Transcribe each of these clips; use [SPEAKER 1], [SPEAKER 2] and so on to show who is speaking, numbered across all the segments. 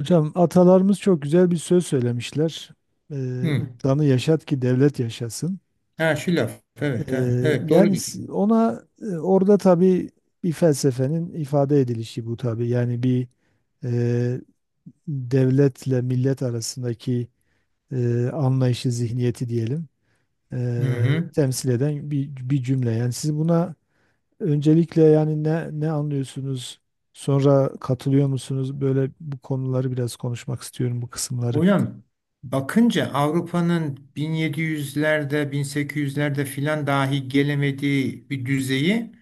[SPEAKER 1] Hocam atalarımız çok güzel bir söz söylemişler.
[SPEAKER 2] Hı.
[SPEAKER 1] İnsanı yaşat ki devlet yaşasın.
[SPEAKER 2] Ha şu laf. Evet ha. Evet doğru diyorsun.
[SPEAKER 1] Orada tabii bir felsefenin ifade edilişi bu tabii. Yani e, devletle millet arasındaki anlayışı, zihniyeti diyelim,
[SPEAKER 2] Hı hı.
[SPEAKER 1] temsil eden bir cümle. Yani siz buna öncelikle yani ne anlıyorsunuz? Sonra katılıyor musunuz? Böyle bu konuları biraz konuşmak istiyorum bu kısımları.
[SPEAKER 2] Hocam bakınca Avrupa'nın 1700'lerde 1800'lerde filan dahi gelemediği bir düzeyi.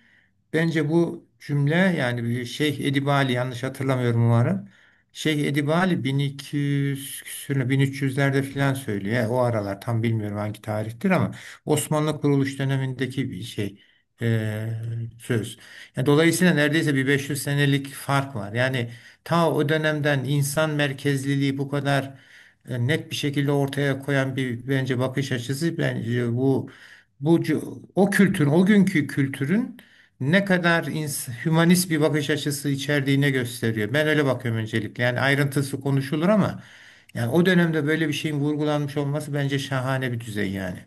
[SPEAKER 2] Bence bu cümle yani bir Şeyh Edip Ali, yanlış hatırlamıyorum umarım. Şeyh Edip Ali 1200 küsürlü 1300'lerde filan söylüyor. Yani o aralar tam bilmiyorum hangi tarihtir ama Osmanlı kuruluş dönemindeki bir şey, e, söz. Yani dolayısıyla neredeyse bir 500 senelik fark var. Yani ta o dönemden insan merkezliliği bu kadar net bir şekilde ortaya koyan bir, bence bakış açısı. Bence bu o kültürün, o günkü kültürün ne kadar hümanist bir bakış açısı içerdiğine gösteriyor. Ben öyle bakıyorum öncelikle. Yani ayrıntısı konuşulur ama yani o dönemde böyle bir şeyin vurgulanmış olması bence şahane bir düzey yani.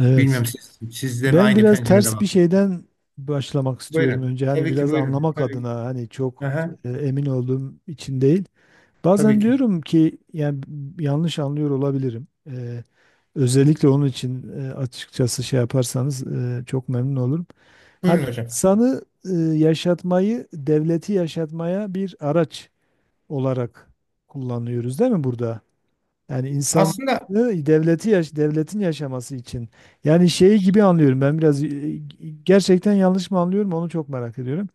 [SPEAKER 1] Evet.
[SPEAKER 2] Bilmiyorum siz de mi
[SPEAKER 1] Ben
[SPEAKER 2] aynı
[SPEAKER 1] biraz
[SPEAKER 2] pencerede
[SPEAKER 1] ters bir
[SPEAKER 2] bakın.
[SPEAKER 1] şeyden başlamak istiyorum
[SPEAKER 2] Buyurun.
[SPEAKER 1] önce. Hani
[SPEAKER 2] Tabii ki
[SPEAKER 1] biraz
[SPEAKER 2] buyurun.
[SPEAKER 1] anlamak
[SPEAKER 2] Tabii ki.
[SPEAKER 1] adına hani çok
[SPEAKER 2] Aha,
[SPEAKER 1] emin olduğum için değil.
[SPEAKER 2] tabii
[SPEAKER 1] Bazen
[SPEAKER 2] ki.
[SPEAKER 1] diyorum ki yani yanlış anlıyor olabilirim. Özellikle onun için açıkçası şey yaparsanız çok memnun olurum. Hani
[SPEAKER 2] Buyurun hocam.
[SPEAKER 1] insanı yaşatmayı, devleti yaşatmaya bir araç olarak kullanıyoruz değil mi burada? Yani insan
[SPEAKER 2] Aslında
[SPEAKER 1] devleti yaş Devletin yaşaması için. Yani şeyi gibi anlıyorum ben biraz, gerçekten yanlış mı anlıyorum onu çok merak ediyorum.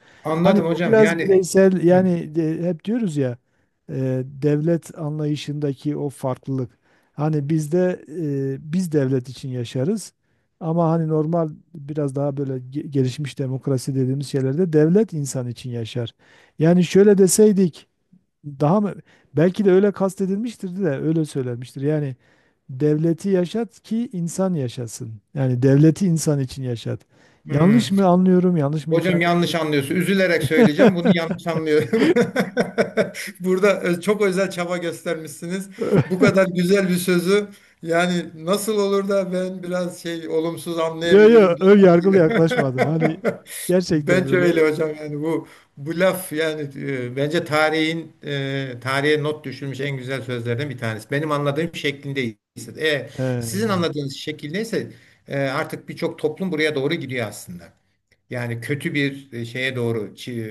[SPEAKER 1] Hani
[SPEAKER 2] anladım
[SPEAKER 1] bu
[SPEAKER 2] hocam.
[SPEAKER 1] biraz
[SPEAKER 2] Yani
[SPEAKER 1] bireysel
[SPEAKER 2] hı.
[SPEAKER 1] yani hep diyoruz ya, devlet anlayışındaki o farklılık. Hani bizde biz devlet için yaşarız ama hani normal biraz daha böyle gelişmiş demokrasi dediğimiz şeylerde devlet insan için yaşar. Yani şöyle deseydik daha mı? Belki de öyle kastedilmiştir de öyle söylenmiştir. Yani devleti yaşat ki insan yaşasın. Yani devleti insan için yaşat.
[SPEAKER 2] Hmm.
[SPEAKER 1] Yanlış mı anlıyorum? Yanlış mı
[SPEAKER 2] Hocam
[SPEAKER 1] ifade
[SPEAKER 2] yanlış
[SPEAKER 1] ediyorum?
[SPEAKER 2] anlıyorsun. Üzülerek söyleyeceğim. Bunu yanlış anlıyor. Burada çok özel çaba göstermişsiniz. Bu kadar güzel bir sözü, yani nasıl olur da ben biraz şey olumsuz
[SPEAKER 1] Yo yo,
[SPEAKER 2] anlayabilirim diye
[SPEAKER 1] ön yargılı
[SPEAKER 2] sanki.
[SPEAKER 1] yaklaşmadım. Hani gerçekten
[SPEAKER 2] Bence
[SPEAKER 1] öyle.
[SPEAKER 2] öyle hocam, yani bu laf yani, bence tarihin, tarihe not düşülmüş en güzel sözlerden bir tanesi. Benim anladığım şeklindeyse. E, Sizin
[SPEAKER 1] Evet.
[SPEAKER 2] anladığınız şekildeyse artık birçok toplum buraya doğru gidiyor aslında. Yani kötü bir şeye doğru, çi-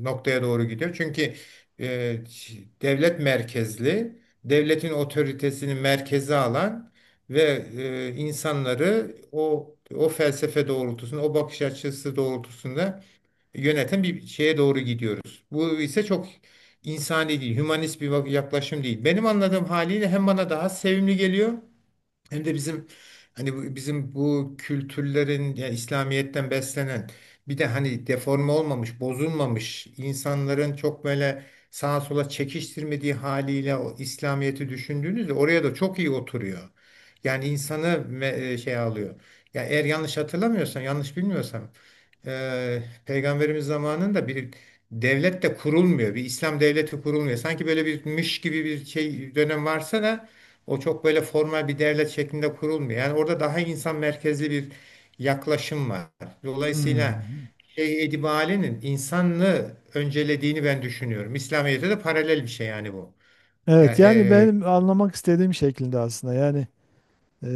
[SPEAKER 2] e, noktaya doğru gidiyor. Çünkü e, devlet merkezli, devletin otoritesini merkeze alan ve insanları o felsefe doğrultusunda, o bakış açısı doğrultusunda yöneten bir şeye doğru gidiyoruz. Bu ise çok insani değil, hümanist bir yaklaşım değil. Benim anladığım haliyle hem bana daha sevimli geliyor hem de bizim, hani bizim bu kültürlerin, ya İslamiyet'ten beslenen bir de hani deforme olmamış, bozulmamış insanların çok böyle sağa sola çekiştirmediği haliyle o İslamiyet'i düşündüğünüzde oraya da çok iyi oturuyor. Yani insanı şey alıyor. Ya eğer yanlış hatırlamıyorsam, yanlış bilmiyorsam, Peygamberimiz zamanında bir devlet de kurulmuyor. Bir İslam devleti kurulmuyor. Sanki böyle bir mış gibi bir şey dönem varsa da o çok böyle formal bir devlet şeklinde kurulmuyor. Yani orada daha insan merkezli bir yaklaşım var. Dolayısıyla
[SPEAKER 1] Hmm.
[SPEAKER 2] şey, Edibale'nin insanlığı öncelediğini ben düşünüyorum. İslamiyet'e de paralel bir şey yani bu.
[SPEAKER 1] Evet
[SPEAKER 2] Yani
[SPEAKER 1] yani benim anlamak istediğim şeklinde aslında. Yani,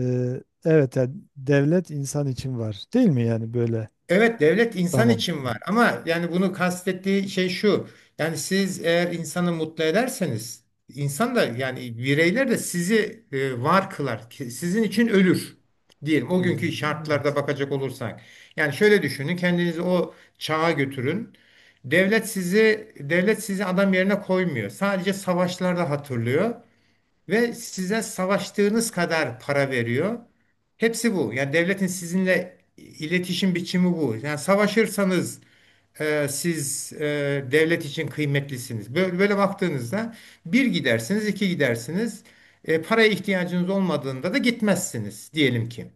[SPEAKER 1] evet yani devlet insan için var. Değil mi yani böyle?
[SPEAKER 2] evet, devlet insan
[SPEAKER 1] Tamam.
[SPEAKER 2] için var, ama yani bunu kastettiği şey şu. Yani siz eğer insanı mutlu ederseniz, insan da yani bireyler de sizi var kılar. Sizin için ölür, diyelim o günkü
[SPEAKER 1] Hmm.
[SPEAKER 2] şartlarda
[SPEAKER 1] Evet.
[SPEAKER 2] bakacak olursak. Yani şöyle düşünün, kendinizi o çağa götürün. Devlet sizi adam yerine koymuyor. Sadece savaşlarda hatırlıyor ve size savaştığınız kadar para veriyor. Hepsi bu. Yani devletin sizinle iletişim biçimi bu. Yani savaşırsanız siz devlet için kıymetlisiniz. Böyle, böyle baktığınızda bir gidersiniz, iki gidersiniz. Paraya ihtiyacınız olmadığında da gitmezsiniz diyelim ki.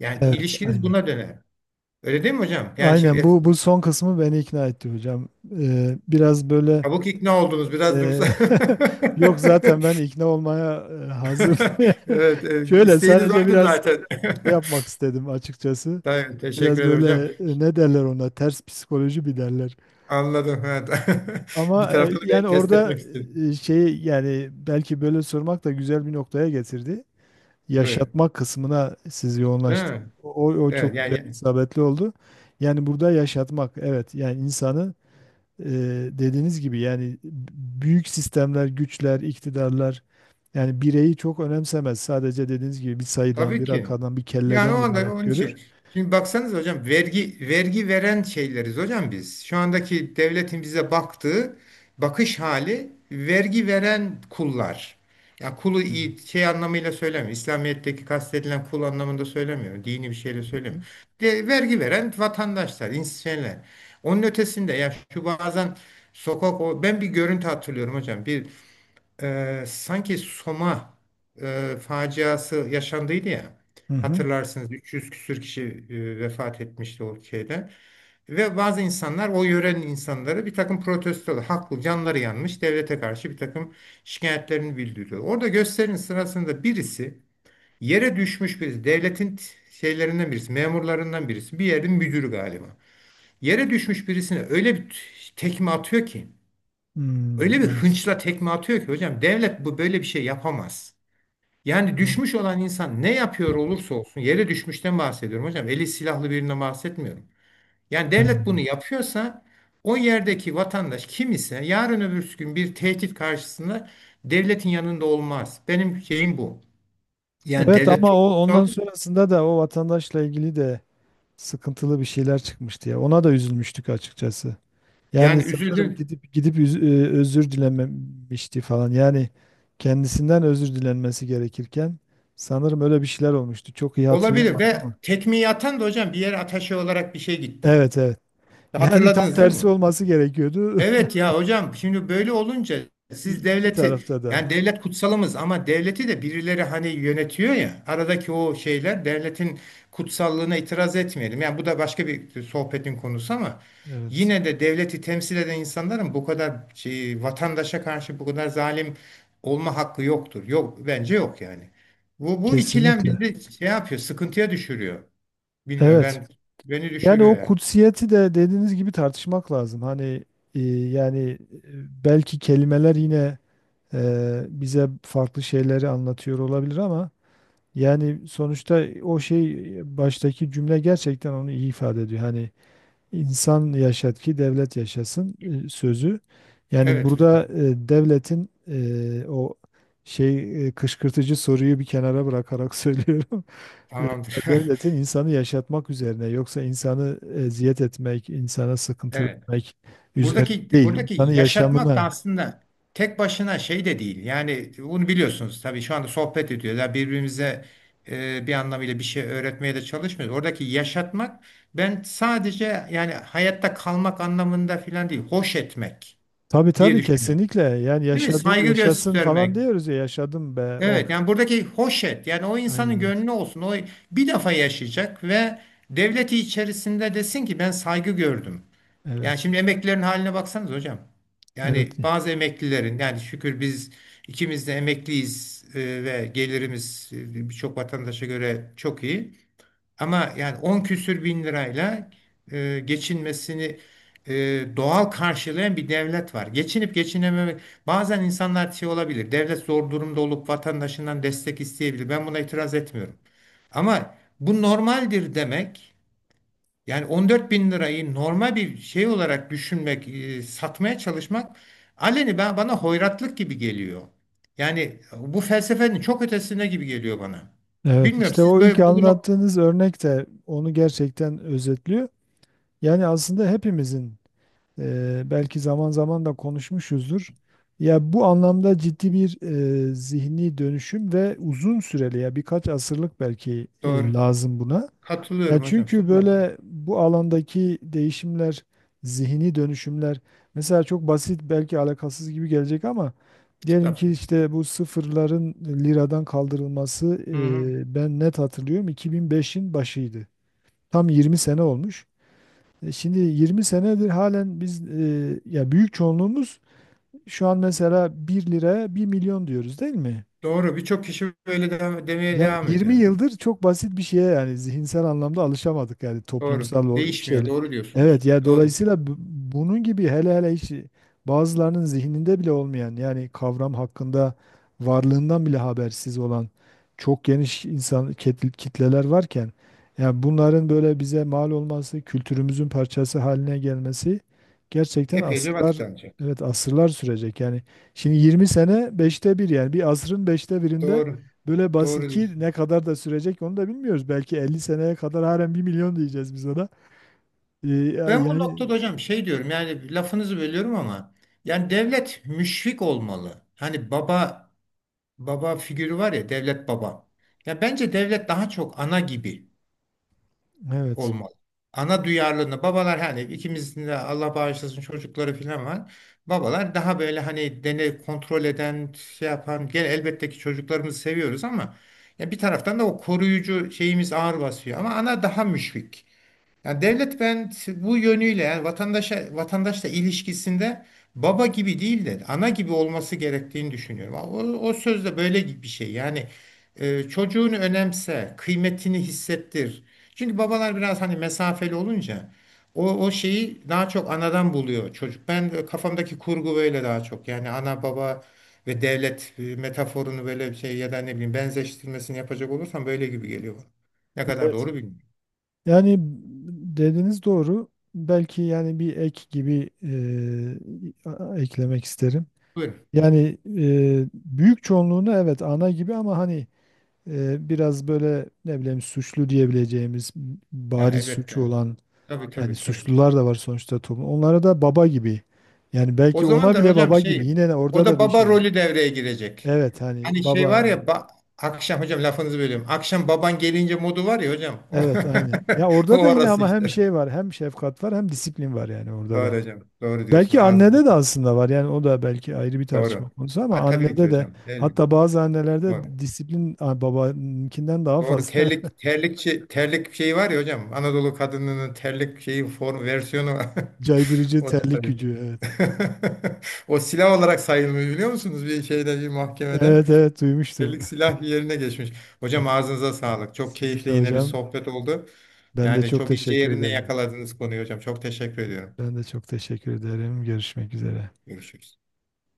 [SPEAKER 2] Yani
[SPEAKER 1] Evet
[SPEAKER 2] ilişkiniz
[SPEAKER 1] aynen.
[SPEAKER 2] buna döner. Öyle değil mi hocam? Yani şimdi
[SPEAKER 1] Aynen bu son kısmı beni ikna etti hocam.
[SPEAKER 2] çabuk ikna oldunuz. Biraz
[SPEAKER 1] E,
[SPEAKER 2] dursa.
[SPEAKER 1] Yok zaten ben ikna olmaya hazır. Yani
[SPEAKER 2] Evet,
[SPEAKER 1] şöyle
[SPEAKER 2] isteğiniz
[SPEAKER 1] sadece
[SPEAKER 2] oydu
[SPEAKER 1] biraz
[SPEAKER 2] zaten.
[SPEAKER 1] şey yapmak istedim açıkçası.
[SPEAKER 2] Tamam, teşekkür
[SPEAKER 1] Biraz
[SPEAKER 2] ederim
[SPEAKER 1] böyle
[SPEAKER 2] hocam.
[SPEAKER 1] ne derler ona, ters psikoloji bir derler.
[SPEAKER 2] Anladım. Evet. Bir
[SPEAKER 1] Ama
[SPEAKER 2] taraftan da beni
[SPEAKER 1] yani
[SPEAKER 2] test etmek
[SPEAKER 1] orada
[SPEAKER 2] istedim.
[SPEAKER 1] şey, yani belki böyle sormak da güzel bir noktaya getirdi.
[SPEAKER 2] Buyurun.
[SPEAKER 1] Yaşatmak kısmına siz
[SPEAKER 2] Değil
[SPEAKER 1] yoğunlaştınız.
[SPEAKER 2] mi?
[SPEAKER 1] O
[SPEAKER 2] Evet.
[SPEAKER 1] çok güzel,
[SPEAKER 2] Yani
[SPEAKER 1] isabetli oldu. Yani burada yaşatmak, evet, yani insanı, e, dediğiniz gibi yani büyük sistemler, güçler, iktidarlar yani bireyi çok önemsemez. Sadece dediğiniz gibi bir sayıdan,
[SPEAKER 2] tabii
[SPEAKER 1] bir
[SPEAKER 2] ki.
[SPEAKER 1] rakamdan, bir
[SPEAKER 2] Yani o
[SPEAKER 1] kelleden
[SPEAKER 2] anda
[SPEAKER 1] ibaret
[SPEAKER 2] onun
[SPEAKER 1] görür.
[SPEAKER 2] için. Şimdi baksanız hocam, vergi veren şeyleriz hocam biz. Şu andaki devletin bize baktığı bakış hali vergi veren kullar. Ya kulu,
[SPEAKER 1] Hı
[SPEAKER 2] şey anlamıyla söylemiyorum. İslamiyet'teki kastedilen kul anlamında söylemiyorum. Dini bir şeyle
[SPEAKER 1] hı.
[SPEAKER 2] söylemiyorum. Vergi veren vatandaşlar, şeyler. Onun ötesinde ya şu, bazen sokak, o, ben bir görüntü hatırlıyorum hocam. Bir sanki Soma faciası yaşandıydı ya.
[SPEAKER 1] Hı hı.
[SPEAKER 2] Hatırlarsınız 300 küsür kişi vefat etmişti o şeyden. Ve bazı insanlar, o yörenin insanları bir takım protestolar, haklı, canları yanmış, devlete karşı bir takım şikayetlerini bildiriyor. Orada gösterinin sırasında birisi yere düşmüş. Birisi, devletin şeylerinden birisi, memurlarından birisi, bir yerin müdürü galiba, yere düşmüş birisine öyle bir tekme atıyor ki,
[SPEAKER 1] Hmm,
[SPEAKER 2] öyle bir
[SPEAKER 1] evet.
[SPEAKER 2] hınçla tekme atıyor ki hocam, devlet bu böyle bir şey yapamaz. Yani düşmüş
[SPEAKER 1] Evet,
[SPEAKER 2] olan insan ne yapıyor olursa olsun, yere düşmüşten bahsediyorum hocam. Eli silahlı birinden bahsetmiyorum. Yani devlet
[SPEAKER 1] aynen
[SPEAKER 2] bunu
[SPEAKER 1] evet.
[SPEAKER 2] yapıyorsa, o yerdeki vatandaş kim ise yarın öbür gün bir tehdit karşısında devletin yanında olmaz. Benim şeyim bu. Yani
[SPEAKER 1] Evet
[SPEAKER 2] devlet
[SPEAKER 1] ama
[SPEAKER 2] çok
[SPEAKER 1] o ondan
[SPEAKER 2] kutsal.
[SPEAKER 1] sonrasında da o vatandaşla ilgili de sıkıntılı bir şeyler çıkmıştı ya. Ona da üzülmüştük açıkçası. Yani
[SPEAKER 2] Yani
[SPEAKER 1] sanırım
[SPEAKER 2] üzüldüm.
[SPEAKER 1] gidip gidip özür dilememişti falan. Yani kendisinden özür dilenmesi gerekirken sanırım öyle bir şeyler olmuştu. Çok iyi
[SPEAKER 2] Olabilir,
[SPEAKER 1] hatırlayamadım
[SPEAKER 2] ve
[SPEAKER 1] ama.
[SPEAKER 2] tekmeyi atan da hocam bir yere ataşe olarak bir şey gitti.
[SPEAKER 1] Evet evet. Yani tam
[SPEAKER 2] Hatırladınız değil
[SPEAKER 1] tersi
[SPEAKER 2] mi?
[SPEAKER 1] olması gerekiyordu.
[SPEAKER 2] Evet ya hocam, şimdi böyle olunca siz
[SPEAKER 1] İki
[SPEAKER 2] devleti,
[SPEAKER 1] tarafta da.
[SPEAKER 2] yani devlet kutsalımız ama devleti de birileri hani yönetiyor ya, aradaki o şeyler devletin kutsallığına itiraz etmeyelim. Yani bu da başka bir sohbetin konusu, ama
[SPEAKER 1] Evet.
[SPEAKER 2] yine de devleti temsil eden insanların bu kadar şey, vatandaşa karşı bu kadar zalim olma hakkı yoktur. Yok, bence yok yani. Bu ikilem
[SPEAKER 1] Kesinlikle.
[SPEAKER 2] bizi şey yapıyor, sıkıntıya düşürüyor. Bilmiyorum,
[SPEAKER 1] Evet.
[SPEAKER 2] beni
[SPEAKER 1] Yani
[SPEAKER 2] düşürüyor
[SPEAKER 1] o
[SPEAKER 2] yani.
[SPEAKER 1] kutsiyeti de dediğiniz gibi tartışmak lazım. Hani, e, yani belki kelimeler yine bize farklı şeyleri anlatıyor olabilir ama yani sonuçta o şey, baştaki cümle gerçekten onu iyi ifade ediyor. Hani insan yaşat ki devlet yaşasın sözü. Yani
[SPEAKER 2] Evet
[SPEAKER 1] burada
[SPEAKER 2] hocam,
[SPEAKER 1] devletin, o şey, kışkırtıcı soruyu bir kenara bırakarak söylüyorum. E,
[SPEAKER 2] tamamdır.
[SPEAKER 1] Devletin insanı yaşatmak üzerine, yoksa insanı eziyet etmek, insana sıkıntı
[SPEAKER 2] Evet.
[SPEAKER 1] vermek üzerine
[SPEAKER 2] Buradaki
[SPEAKER 1] değil, İnsanı
[SPEAKER 2] buradaki yaşatmak da
[SPEAKER 1] yaşamına.
[SPEAKER 2] aslında tek başına şey de değil. Yani bunu biliyorsunuz tabii, şu anda sohbet ediyorlar. Birbirimize bir anlamıyla bir şey öğretmeye de çalışmıyoruz. Oradaki yaşatmak, ben sadece yani hayatta kalmak anlamında filan değil. Hoş etmek
[SPEAKER 1] Tabii
[SPEAKER 2] diye
[SPEAKER 1] tabii
[SPEAKER 2] düşünüyorum.
[SPEAKER 1] kesinlikle. Yani
[SPEAKER 2] Değil mi?
[SPEAKER 1] yaşadı,
[SPEAKER 2] Saygı
[SPEAKER 1] yaşasın falan
[SPEAKER 2] göstermek.
[SPEAKER 1] diyoruz ya, yaşadım be. Oh,
[SPEAKER 2] Evet yani buradaki hoş et, yani o insanın
[SPEAKER 1] aynen öyle.
[SPEAKER 2] gönlü olsun. O bir defa yaşayacak ve devleti içerisinde desin ki ben saygı gördüm. Yani
[SPEAKER 1] Evet,
[SPEAKER 2] şimdi emeklilerin haline baksanız hocam.
[SPEAKER 1] evet,
[SPEAKER 2] Yani bazı emeklilerin, yani şükür biz ikimiz de emekliyiz ve gelirimiz birçok vatandaşa göre çok iyi. Ama yani 10 küsür bin lirayla geçinmesini e, doğal karşılayan bir devlet var. Geçinip geçinememek, bazen insanlar şey olabilir. Devlet zor durumda olup vatandaşından destek isteyebilir. Ben buna itiraz etmiyorum. Ama bu normaldir demek. Yani 14 bin lirayı normal bir şey olarak düşünmek, satmaya çalışmak aleni, bana hoyratlık gibi geliyor. Yani bu felsefenin çok ötesine gibi geliyor bana.
[SPEAKER 1] evet.
[SPEAKER 2] Bilmiyorum
[SPEAKER 1] İşte
[SPEAKER 2] siz
[SPEAKER 1] o ilk
[SPEAKER 2] böyle bugün.
[SPEAKER 1] anlattığınız örnek de onu gerçekten özetliyor. Yani aslında hepimizin, belki zaman zaman da konuşmuşuzdur. Ya bu anlamda ciddi bir zihni dönüşüm ve uzun süreli, ya birkaç asırlık belki,
[SPEAKER 2] Doğru,
[SPEAKER 1] lazım buna. Ya
[SPEAKER 2] katılıyorum hocam
[SPEAKER 1] çünkü
[SPEAKER 2] sonuna kadar.
[SPEAKER 1] böyle bu alandaki değişimler, zihni dönüşümler mesela çok basit, belki alakasız gibi gelecek ama diyelim ki
[SPEAKER 2] Estağfurullah.
[SPEAKER 1] işte bu sıfırların liradan kaldırılması,
[SPEAKER 2] Hı hı.
[SPEAKER 1] ben net hatırlıyorum, 2005'in başıydı. Tam 20 sene olmuş. Şimdi 20 senedir halen biz, ya büyük çoğunluğumuz şu an mesela bir liraya bir milyon diyoruz değil mi?
[SPEAKER 2] Doğru, birçok kişi böyle demeye
[SPEAKER 1] Yani
[SPEAKER 2] devam
[SPEAKER 1] 20
[SPEAKER 2] ediyor.
[SPEAKER 1] yıldır çok basit bir şeye yani zihinsel anlamda alışamadık, yani
[SPEAKER 2] Doğru.
[SPEAKER 1] toplumsal o
[SPEAKER 2] Değişmiyor.
[SPEAKER 1] şeyle.
[SPEAKER 2] Doğru diyorsunuz.
[SPEAKER 1] Evet ya
[SPEAKER 2] Doğru.
[SPEAKER 1] dolayısıyla bunun gibi, hele hele hiç bazılarının zihninde bile olmayan yani kavram hakkında, varlığından bile habersiz olan çok geniş insan kitleler varken yani bunların böyle bize mal olması, kültürümüzün parçası haline gelmesi gerçekten
[SPEAKER 2] Epeyce
[SPEAKER 1] asırlar,
[SPEAKER 2] vakit alacak.
[SPEAKER 1] evet asırlar sürecek. Yani şimdi 20 sene beşte bir, yani bir asrın beşte birinde.
[SPEAKER 2] Doğru.
[SPEAKER 1] Böyle bas
[SPEAKER 2] Doğru
[SPEAKER 1] 2
[SPEAKER 2] diyorsunuz.
[SPEAKER 1] ne kadar da sürecek onu da bilmiyoruz. Belki 50 seneye kadar halen bir milyon diyeceğiz biz ona.
[SPEAKER 2] Ben bu
[SPEAKER 1] Yani
[SPEAKER 2] noktada hocam şey diyorum, yani lafınızı bölüyorum ama yani devlet müşfik olmalı. Hani baba figürü var ya, devlet baba. Ya bence devlet daha çok ana gibi
[SPEAKER 1] evet.
[SPEAKER 2] olmalı. Ana duyarlılığını, babalar hani, ikimizin de Allah bağışlasın çocukları falan var. Babalar daha böyle hani dene kontrol eden şey yapan gel, elbette ki çocuklarımızı seviyoruz ama ya bir taraftan da o koruyucu şeyimiz ağır basıyor, ama ana daha müşfik. Yani devlet, ben bu yönüyle yani vatandaşla ilişkisinde baba gibi değil de ana gibi olması gerektiğini düşünüyorum. O söz de böyle bir şey. Yani çocuğunu önemse, kıymetini hissettir. Çünkü babalar biraz hani mesafeli olunca, o şeyi daha çok anadan buluyor çocuk. Ben kafamdaki kurgu böyle daha çok. Yani ana baba ve devlet metaforunu böyle bir şey, ya da ne bileyim, benzeştirmesini yapacak olursam böyle gibi geliyor bana. Ne kadar
[SPEAKER 1] Evet.
[SPEAKER 2] doğru bilmiyorum.
[SPEAKER 1] Yani dediğiniz doğru. Belki yani bir ek gibi, eklemek isterim.
[SPEAKER 2] Buyurun.
[SPEAKER 1] Yani büyük çoğunluğunu evet ana gibi, ama hani biraz böyle ne bileyim suçlu diyebileceğimiz,
[SPEAKER 2] Ya
[SPEAKER 1] bariz suçu
[SPEAKER 2] elbette.
[SPEAKER 1] olan,
[SPEAKER 2] Tabii
[SPEAKER 1] yani
[SPEAKER 2] tabii tabii ki.
[SPEAKER 1] suçlular da var sonuçta toplum. Onlara da baba gibi. Yani
[SPEAKER 2] O
[SPEAKER 1] belki
[SPEAKER 2] zaman
[SPEAKER 1] ona
[SPEAKER 2] da
[SPEAKER 1] bile
[SPEAKER 2] hocam
[SPEAKER 1] baba gibi.
[SPEAKER 2] şey,
[SPEAKER 1] Yine de
[SPEAKER 2] o
[SPEAKER 1] orada da
[SPEAKER 2] da
[SPEAKER 1] bir
[SPEAKER 2] baba
[SPEAKER 1] şey.
[SPEAKER 2] rolü devreye girecek.
[SPEAKER 1] Evet hani
[SPEAKER 2] Hani şey var
[SPEAKER 1] baba.
[SPEAKER 2] ya, akşam hocam lafınızı bölüyorum. Akşam baban gelince modu var ya hocam.
[SPEAKER 1] Evet aynen. Ya
[SPEAKER 2] O
[SPEAKER 1] orada da yine
[SPEAKER 2] orası
[SPEAKER 1] ama hem
[SPEAKER 2] işte.
[SPEAKER 1] şey var, hem şefkat var, hem disiplin var yani orada da.
[SPEAKER 2] Doğru hocam. Doğru diyorsunuz.
[SPEAKER 1] Belki
[SPEAKER 2] Ağzınız.
[SPEAKER 1] annede de aslında var. Yani o da belki ayrı bir tartışma
[SPEAKER 2] Doğru.
[SPEAKER 1] konusu ama
[SPEAKER 2] Ha, tabii ki
[SPEAKER 1] annede de,
[SPEAKER 2] hocam. Elbette.
[SPEAKER 1] hatta bazı
[SPEAKER 2] Doğru.
[SPEAKER 1] annelerde disiplin babanınkinden daha
[SPEAKER 2] Doğru.
[SPEAKER 1] fazla.
[SPEAKER 2] Terlik şeyi var ya hocam. Anadolu kadınının terlik şeyi form versiyonu var.
[SPEAKER 1] Caydırıcı
[SPEAKER 2] O da
[SPEAKER 1] terlik
[SPEAKER 2] tabii.
[SPEAKER 1] gücü. Evet.
[SPEAKER 2] O silah olarak sayılmıyor, biliyor musunuz, bir şeyde, bir mahkemede?
[SPEAKER 1] Evet evet duymuştum.
[SPEAKER 2] Ellik silah yerine geçmiş.
[SPEAKER 1] Evet.
[SPEAKER 2] Hocam ağzınıza sağlık. Çok
[SPEAKER 1] Sizin
[SPEAKER 2] keyifli
[SPEAKER 1] de
[SPEAKER 2] yine bir
[SPEAKER 1] hocam.
[SPEAKER 2] sohbet oldu.
[SPEAKER 1] Ben de
[SPEAKER 2] Yani
[SPEAKER 1] çok
[SPEAKER 2] çok ince
[SPEAKER 1] teşekkür
[SPEAKER 2] yerine
[SPEAKER 1] ederim.
[SPEAKER 2] yakaladınız konuyu hocam. Çok teşekkür ediyorum.
[SPEAKER 1] Ben de çok teşekkür ederim. Görüşmek üzere.
[SPEAKER 2] Görüşürüz.